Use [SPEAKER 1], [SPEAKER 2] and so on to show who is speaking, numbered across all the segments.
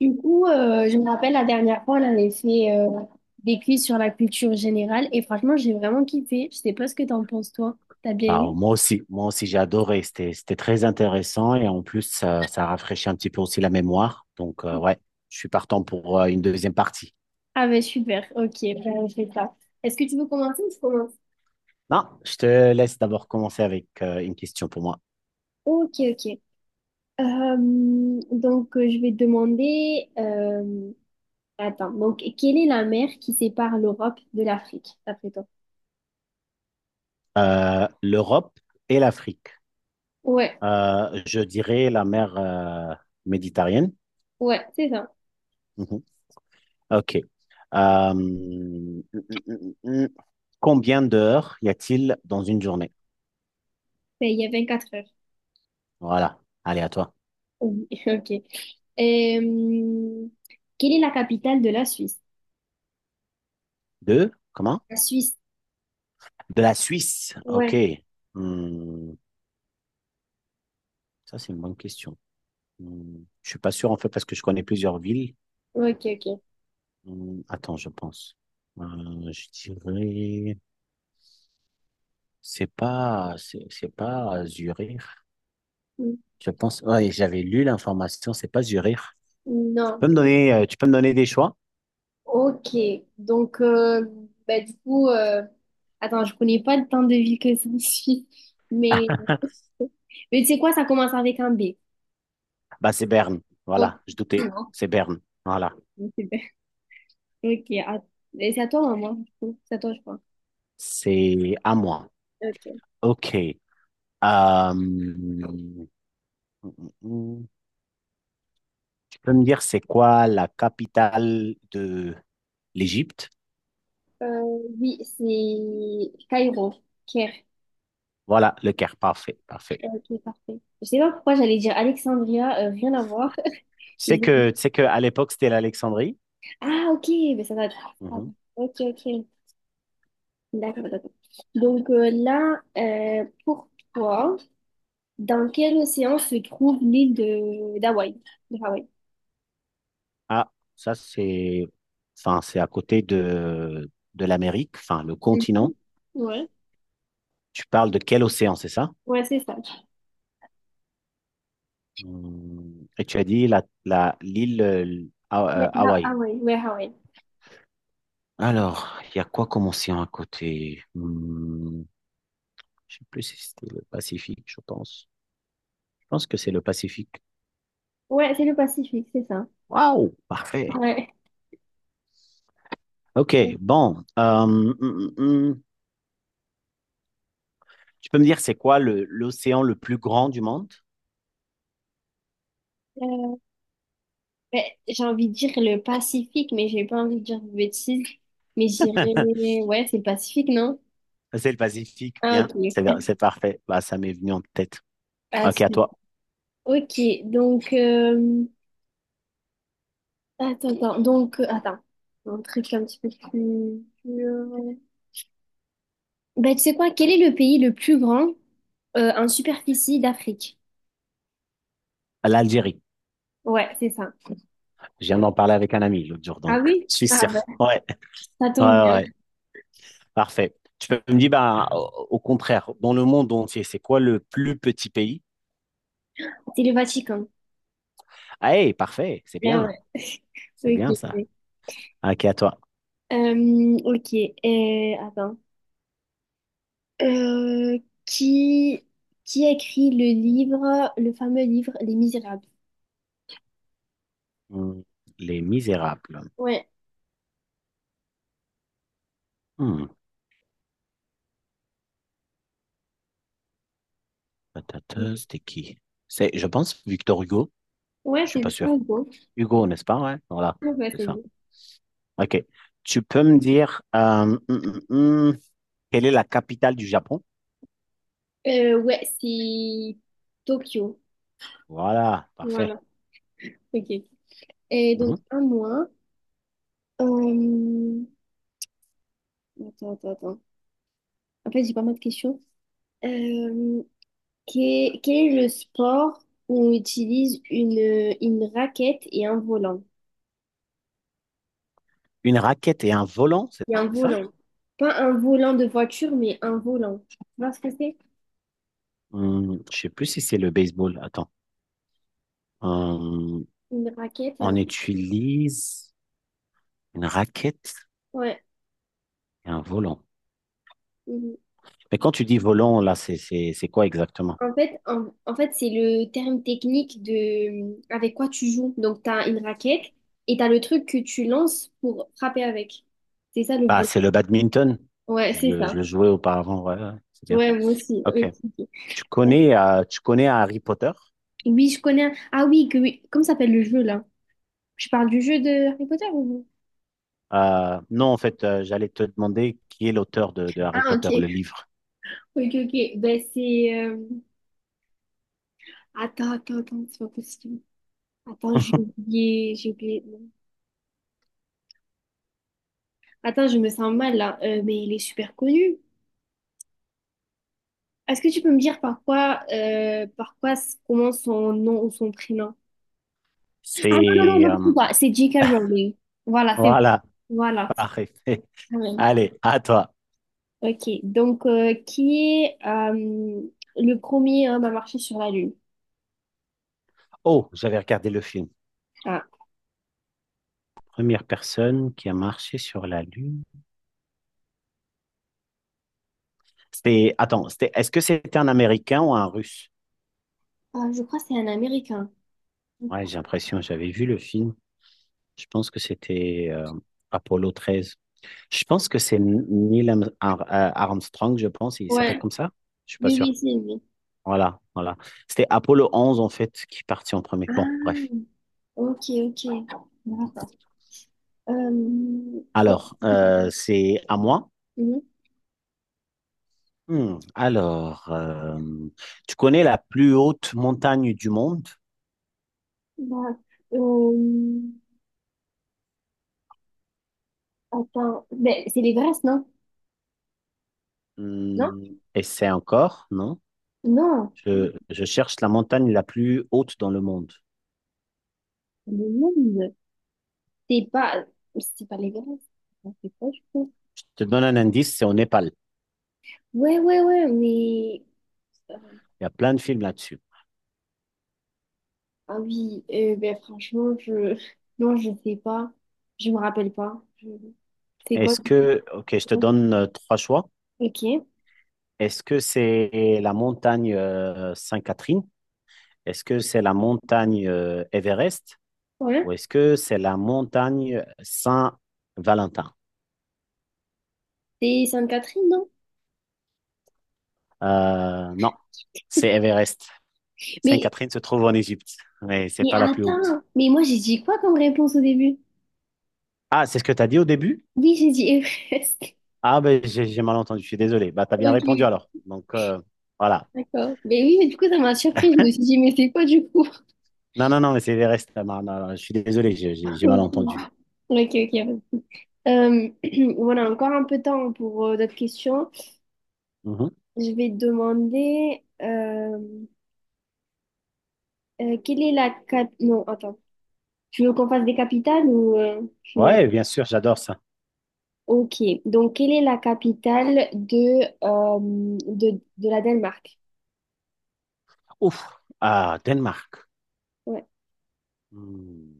[SPEAKER 1] Je me rappelle la dernière fois, on avait fait des quiz sur la culture générale et franchement, j'ai vraiment kiffé. Je sais pas ce que t'en penses, toi. T'as bien
[SPEAKER 2] Bah,
[SPEAKER 1] aimé?
[SPEAKER 2] moi aussi j'ai adoré, c'était très intéressant et en plus ça, ça rafraîchit un petit peu aussi la mémoire. Donc ouais, je suis partant pour une deuxième partie.
[SPEAKER 1] Ah ben super, ok, ben, on fait ça. Est-ce que tu veux commencer ou je commence?
[SPEAKER 2] Non, je te laisse d'abord commencer avec une question pour moi.
[SPEAKER 1] Ok, ok. Je vais te demander... attends, donc, quelle est la mer qui sépare l'Europe de l'Afrique, d'après toi?
[SPEAKER 2] L'Europe et l'Afrique.
[SPEAKER 1] Ouais,
[SPEAKER 2] Je dirais la mer Méditerranée.
[SPEAKER 1] ouais, c'est ça.
[SPEAKER 2] Mhm. OK. Euh, hum, hum, hum, hum. Combien d'heures y a-t-il dans une journée?
[SPEAKER 1] Ben, il y a quatre heures.
[SPEAKER 2] Voilà. Allez, à toi.
[SPEAKER 1] Oui, ok. Euh, Quelle est la capitale de la Suisse?
[SPEAKER 2] Deux? Comment?
[SPEAKER 1] La Suisse.
[SPEAKER 2] De la Suisse? Ok.
[SPEAKER 1] Ouais,
[SPEAKER 2] Hmm, ça, c'est une bonne question. Hmm, je suis pas sûr, en fait, parce que je connais plusieurs villes.
[SPEAKER 1] ok, ok.
[SPEAKER 2] Hmm, attends, je pense. Je dirais... C'est pas... C'est pas Zurich.
[SPEAKER 1] Mm.
[SPEAKER 2] Je pense... Ouais, j'avais lu l'information, c'est pas Zurich. Tu
[SPEAKER 1] Non,
[SPEAKER 2] peux me donner, tu peux me donner des choix?
[SPEAKER 1] ok. Donc, euh, bah, du coup, euh, Attends, je connais pas le temps de vie que ça suit, mais,
[SPEAKER 2] Ah,
[SPEAKER 1] mais tu sais quoi, ça commence avec un B.
[SPEAKER 2] bah c'est Berne.
[SPEAKER 1] Ok,
[SPEAKER 2] Voilà, je doutais.
[SPEAKER 1] non,
[SPEAKER 2] C'est Berne. Voilà.
[SPEAKER 1] super. Ok, et c'est à toi ou à moi? Du coup c'est à toi, je crois.
[SPEAKER 2] C'est à moi.
[SPEAKER 1] Ok.
[SPEAKER 2] OK. Euh, hmm, hmm, hmm, hmm. Tu peux me dire c'est quoi la capitale de l'Égypte?
[SPEAKER 1] Euh, oui, c'est Cairo, Caire.
[SPEAKER 2] Voilà, le Caire, parfait, parfait.
[SPEAKER 1] Ok, parfait. Je sais pas pourquoi j'allais dire Alexandria, rien à voir. J'ai dit-
[SPEAKER 2] Tu sais que à l'époque c'était l'Alexandrie.
[SPEAKER 1] Ah, ok, mais ça va être.
[SPEAKER 2] Mhm.
[SPEAKER 1] Ok, ok. D'accord, d'accord. Pour toi, dans quel océan se trouve l'île de d'Hawaï? De Hawaï?
[SPEAKER 2] Ah, ça c'est, enfin c'est à côté de l'Amérique, enfin le
[SPEAKER 1] Mhm.
[SPEAKER 2] continent.
[SPEAKER 1] Ouais,
[SPEAKER 2] Tu parles de quel océan, c'est ça?
[SPEAKER 1] ouais, c'est ça.
[SPEAKER 2] Et tu as dit la l'île
[SPEAKER 1] Ouais,
[SPEAKER 2] Hawaï.
[SPEAKER 1] Hawaï, ouais, Hawaï.
[SPEAKER 2] Alors, il y a quoi comme océan à côté? Je ne sais plus si c'était le Pacifique, je pense. Je pense que c'est le Pacifique.
[SPEAKER 1] Ouais, c'est le Pacifique, c'est ça.
[SPEAKER 2] Waouh, parfait.
[SPEAKER 1] Ouais.
[SPEAKER 2] Ok, bon. Mm, mm. Tu peux me dire c'est quoi l'océan le plus grand du monde?
[SPEAKER 1] Euh, Ouais, j'ai envie de dire le Pacifique, mais j'ai pas envie de dire de bêtises. Mais j'irais, ouais, c'est le Pacifique, non?
[SPEAKER 2] C'est le Pacifique,
[SPEAKER 1] Ah,
[SPEAKER 2] bien.
[SPEAKER 1] ok.
[SPEAKER 2] C'est parfait. Bah, ça m'est venu en tête. Ok, à
[SPEAKER 1] Pacifique.
[SPEAKER 2] toi.
[SPEAKER 1] Ok, donc, euh, attends, un truc un petit peu plus dur. Bah, tu sais quoi, quel est le pays le plus grand en superficie d'Afrique?
[SPEAKER 2] L'Algérie.
[SPEAKER 1] Ouais, c'est ça.
[SPEAKER 2] Je viens d'en parler avec un ami l'autre jour,
[SPEAKER 1] Ah
[SPEAKER 2] donc
[SPEAKER 1] oui?
[SPEAKER 2] je suis
[SPEAKER 1] Ah
[SPEAKER 2] sûr.
[SPEAKER 1] bah,
[SPEAKER 2] Ouais,
[SPEAKER 1] ça
[SPEAKER 2] ouais,
[SPEAKER 1] tombe
[SPEAKER 2] ouais.
[SPEAKER 1] bien.
[SPEAKER 2] Ouais. Parfait. Tu peux me dire, bah, au contraire, dans le monde entier, c'est quoi le plus petit pays?
[SPEAKER 1] C'est le Vatican.
[SPEAKER 2] Ah, hey, parfait. C'est
[SPEAKER 1] Ah
[SPEAKER 2] bien. C'est
[SPEAKER 1] ouais,
[SPEAKER 2] bien
[SPEAKER 1] ok.
[SPEAKER 2] ça.
[SPEAKER 1] Ok.
[SPEAKER 2] Ok, à toi.
[SPEAKER 1] Euh, ok, Attends. Euh, qui, qui a écrit le livre, le fameux livre Les Misérables?
[SPEAKER 2] Hmm, les Misérables.
[SPEAKER 1] Ouais.
[SPEAKER 2] Hmm, C'était qui? C'est, je pense, Victor Hugo.
[SPEAKER 1] Ouais,
[SPEAKER 2] Je suis
[SPEAKER 1] c'est
[SPEAKER 2] pas sûr.
[SPEAKER 1] bien beau.
[SPEAKER 2] Hugo, n'est-ce pas? Ouais, voilà,
[SPEAKER 1] Ouais, ouais,
[SPEAKER 2] c'est
[SPEAKER 1] c'est
[SPEAKER 2] ça.
[SPEAKER 1] bien.
[SPEAKER 2] OK. Tu peux me dire hum, quelle est la capitale du Japon?
[SPEAKER 1] Ouais, c'est Tokyo.
[SPEAKER 2] Voilà, parfait.
[SPEAKER 1] Voilà, ok. Et
[SPEAKER 2] Mhm.
[SPEAKER 1] donc, à moi. Euh, Attends, attends, attends. En fait, j'ai pas mal de questions. Euh, Quel est le sport où on utilise une raquette et un volant?
[SPEAKER 2] Une raquette et un volant, c'est
[SPEAKER 1] Et un
[SPEAKER 2] ça?
[SPEAKER 1] volant. Pas un volant de voiture, mais un volant. Tu vois ce que c'est?
[SPEAKER 2] Je sais plus si c'est le baseball. Attends. Hum,
[SPEAKER 1] Une raquette et
[SPEAKER 2] on
[SPEAKER 1] un
[SPEAKER 2] utilise une raquette
[SPEAKER 1] ouais.
[SPEAKER 2] et un volant.
[SPEAKER 1] Mhm.
[SPEAKER 2] Mais quand tu dis volant, là, c'est quoi exactement?
[SPEAKER 1] En fait, c'est le terme technique de avec quoi tu joues. Donc, tu as une raquette et tu as le truc que tu lances pour frapper avec. C'est ça le
[SPEAKER 2] Bah,
[SPEAKER 1] volant.
[SPEAKER 2] c'est le badminton.
[SPEAKER 1] Ouais, c'est
[SPEAKER 2] Je
[SPEAKER 1] ça.
[SPEAKER 2] le jouais auparavant, ouais, ouais, ouais, c'est bien.
[SPEAKER 1] Ouais, moi aussi.
[SPEAKER 2] OK.
[SPEAKER 1] Ok, ok.
[SPEAKER 2] Tu connais Harry Potter?
[SPEAKER 1] Oui, je connais. Ah oui, que oui. Comment s'appelle le jeu là? Je parle du jeu de Harry Potter ou?
[SPEAKER 2] Non, en fait, j'allais te demander qui est l'auteur de Harry
[SPEAKER 1] Ah ok.
[SPEAKER 2] Potter, le livre.
[SPEAKER 1] Ok, ok. Ben c'est. Attends, attends, attends, c'est pas possible. Attends, j'ai oublié. Non. Attends, je me sens mal là. Mais il est super connu. Est-ce que tu peux me dire par quoi commence son nom ou son prénom? Ah non, non, non,
[SPEAKER 2] C'est...
[SPEAKER 1] n'importe quoi. C'est J.K. Rowling. Voilà, c'est bon.
[SPEAKER 2] voilà,
[SPEAKER 1] Voilà, c'est
[SPEAKER 2] parfait.
[SPEAKER 1] quand même.
[SPEAKER 2] Allez, à toi.
[SPEAKER 1] Ok, qui est le premier homme à marcher sur la Lune?
[SPEAKER 2] Oh, j'avais regardé le film. Première personne qui a marché sur la Lune. C'était... Attends, c'était... est-ce que c'était un Américain ou un Russe?
[SPEAKER 1] Ah, je crois que c'est un Américain.
[SPEAKER 2] Ouais, j'ai l'impression, j'avais vu le film. Je pense que c'était Apollo 13. Je pense que c'est Neil Armstrong, je pense. Il s'appelle
[SPEAKER 1] Ouais.
[SPEAKER 2] comme ça? Je suis pas
[SPEAKER 1] Oui, oui,
[SPEAKER 2] sûr.
[SPEAKER 1] c'est lui.
[SPEAKER 2] Voilà, voilà. C'était Apollo 11 en fait, qui partit en premier. Bon,
[SPEAKER 1] Ah,
[SPEAKER 2] bref.
[SPEAKER 1] ok, ok. D'accord. Ok.
[SPEAKER 2] Alors, c'est à moi.
[SPEAKER 1] Mhm.
[SPEAKER 2] Hmm, alors, tu connais la plus haute montagne du monde?
[SPEAKER 1] Bah, euh, attends, ben, c'est l'Everest, non? Non?
[SPEAKER 2] Hmm, et c'est encore, non?
[SPEAKER 1] Non,
[SPEAKER 2] Je cherche la montagne la plus haute dans le monde.
[SPEAKER 1] le monde. c'est pas, c'est pas l'Everest. Ah, c'est quoi, je crois?
[SPEAKER 2] Je te donne un indice, c'est au Népal.
[SPEAKER 1] Ouais, ouais, ouais, mais,
[SPEAKER 2] Il y a plein de films là-dessus.
[SPEAKER 1] ah oui, ben, franchement, non, je sais pas, je me rappelle pas. Je- c'est quoi?
[SPEAKER 2] Est-ce que, ok, je te donne trois choix.
[SPEAKER 1] Ok,
[SPEAKER 2] Est-ce que c'est la montagne Sainte-Catherine? Est-ce que c'est la montagne Everest?
[SPEAKER 1] ouais.
[SPEAKER 2] Ou est-ce que c'est la montagne Saint-Valentin?
[SPEAKER 1] C'est Sainte-Catherine, non?
[SPEAKER 2] Non, c'est Everest.
[SPEAKER 1] Mais,
[SPEAKER 2] Sainte-Catherine se trouve en Égypte, mais c'est
[SPEAKER 1] mais
[SPEAKER 2] pas la plus haute.
[SPEAKER 1] attends, mais moi j'ai dit quoi comme réponse au début?
[SPEAKER 2] Ah, c'est ce que tu as dit au début?
[SPEAKER 1] Oui, j'ai dit Everest.
[SPEAKER 2] Ah, ben j'ai mal entendu, je suis désolé. Bah, tu as
[SPEAKER 1] Ok,
[SPEAKER 2] bien répondu
[SPEAKER 1] ok,
[SPEAKER 2] alors. Donc, voilà.
[SPEAKER 1] d'accord. Mais oui, mais du coup, ça m'a surprise. Je me suis dit, mais c'est quoi du coup?
[SPEAKER 2] Non, non, non, mais c'est Everest. Ah, non, non, non, je suis désolé, j'ai mal entendu.
[SPEAKER 1] Ok, ok. Ok. Euh, voilà, encore un peu de temps pour d'autres questions.
[SPEAKER 2] Mhm.
[SPEAKER 1] Je vais te demander quelle est la cap... Non, attends. Tu veux qu'on fasse des capitales ou tu veux-
[SPEAKER 2] Ouais, bien sûr, j'adore ça.
[SPEAKER 1] Ok. Donc, quelle est la capitale de, de la Danemark?
[SPEAKER 2] Ouf, ah, Danemark.
[SPEAKER 1] Ouais.
[SPEAKER 2] Hmm.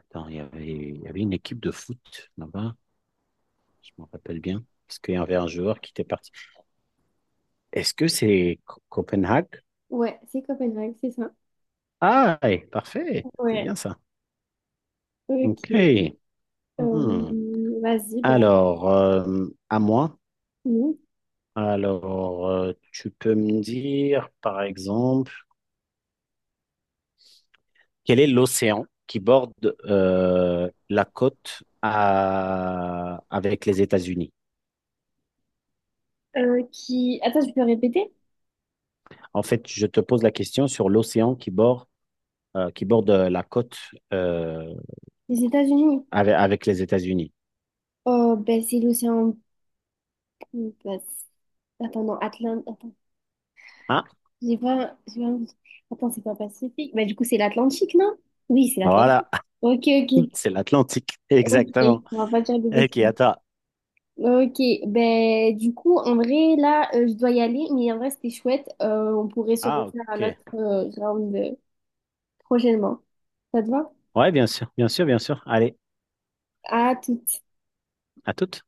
[SPEAKER 2] Attends, il y avait une équipe de foot là-bas, je m'en rappelle bien, parce qu'il y avait un joueur qui était parti. Est-ce que c'est Copenhague?
[SPEAKER 1] Ouais, c'est Copenhague, c'est ça.
[SPEAKER 2] Ah, eh, parfait. C'est
[SPEAKER 1] Ouais,
[SPEAKER 2] bien ça.
[SPEAKER 1] ok.
[SPEAKER 2] OK.
[SPEAKER 1] Euh,
[SPEAKER 2] Hmm.
[SPEAKER 1] Vas-y, bah,
[SPEAKER 2] Alors, à moi.
[SPEAKER 1] nous.
[SPEAKER 2] Alors, tu peux me dire, par exemple, quel est l'océan qui borde la côte avec les États-Unis?
[SPEAKER 1] Qui... Attends, je peux répéter?
[SPEAKER 2] En fait, je te pose la question sur l'océan qui borde la côte euh,
[SPEAKER 1] Les États-Unis.
[SPEAKER 2] avec, avec les États-Unis.
[SPEAKER 1] Oh, ben, c'est l'océan... bah, attends, non, Atlantique... Attends,
[SPEAKER 2] Ah,
[SPEAKER 1] j'ai pas- attends, c'est pas Pacifique. Bah, du coup, c'est l'Atlantique, non? Oui, c'est l'Atlantique.
[SPEAKER 2] voilà,
[SPEAKER 1] Ok, ok.
[SPEAKER 2] c'est l'Atlantique,
[SPEAKER 1] Ok,
[SPEAKER 2] exactement.
[SPEAKER 1] on va pas dire de
[SPEAKER 2] Ok,
[SPEAKER 1] bêtises.
[SPEAKER 2] attends.
[SPEAKER 1] Ok, ben du coup, en vrai, là, je dois y aller, mais en vrai, c'était chouette. On pourrait se
[SPEAKER 2] Ah,
[SPEAKER 1] refaire à
[SPEAKER 2] ok.
[SPEAKER 1] notre round. Prochainement. Ça te va?
[SPEAKER 2] Ouais, bien sûr, bien sûr, bien sûr. Allez,
[SPEAKER 1] À tout.
[SPEAKER 2] à toute.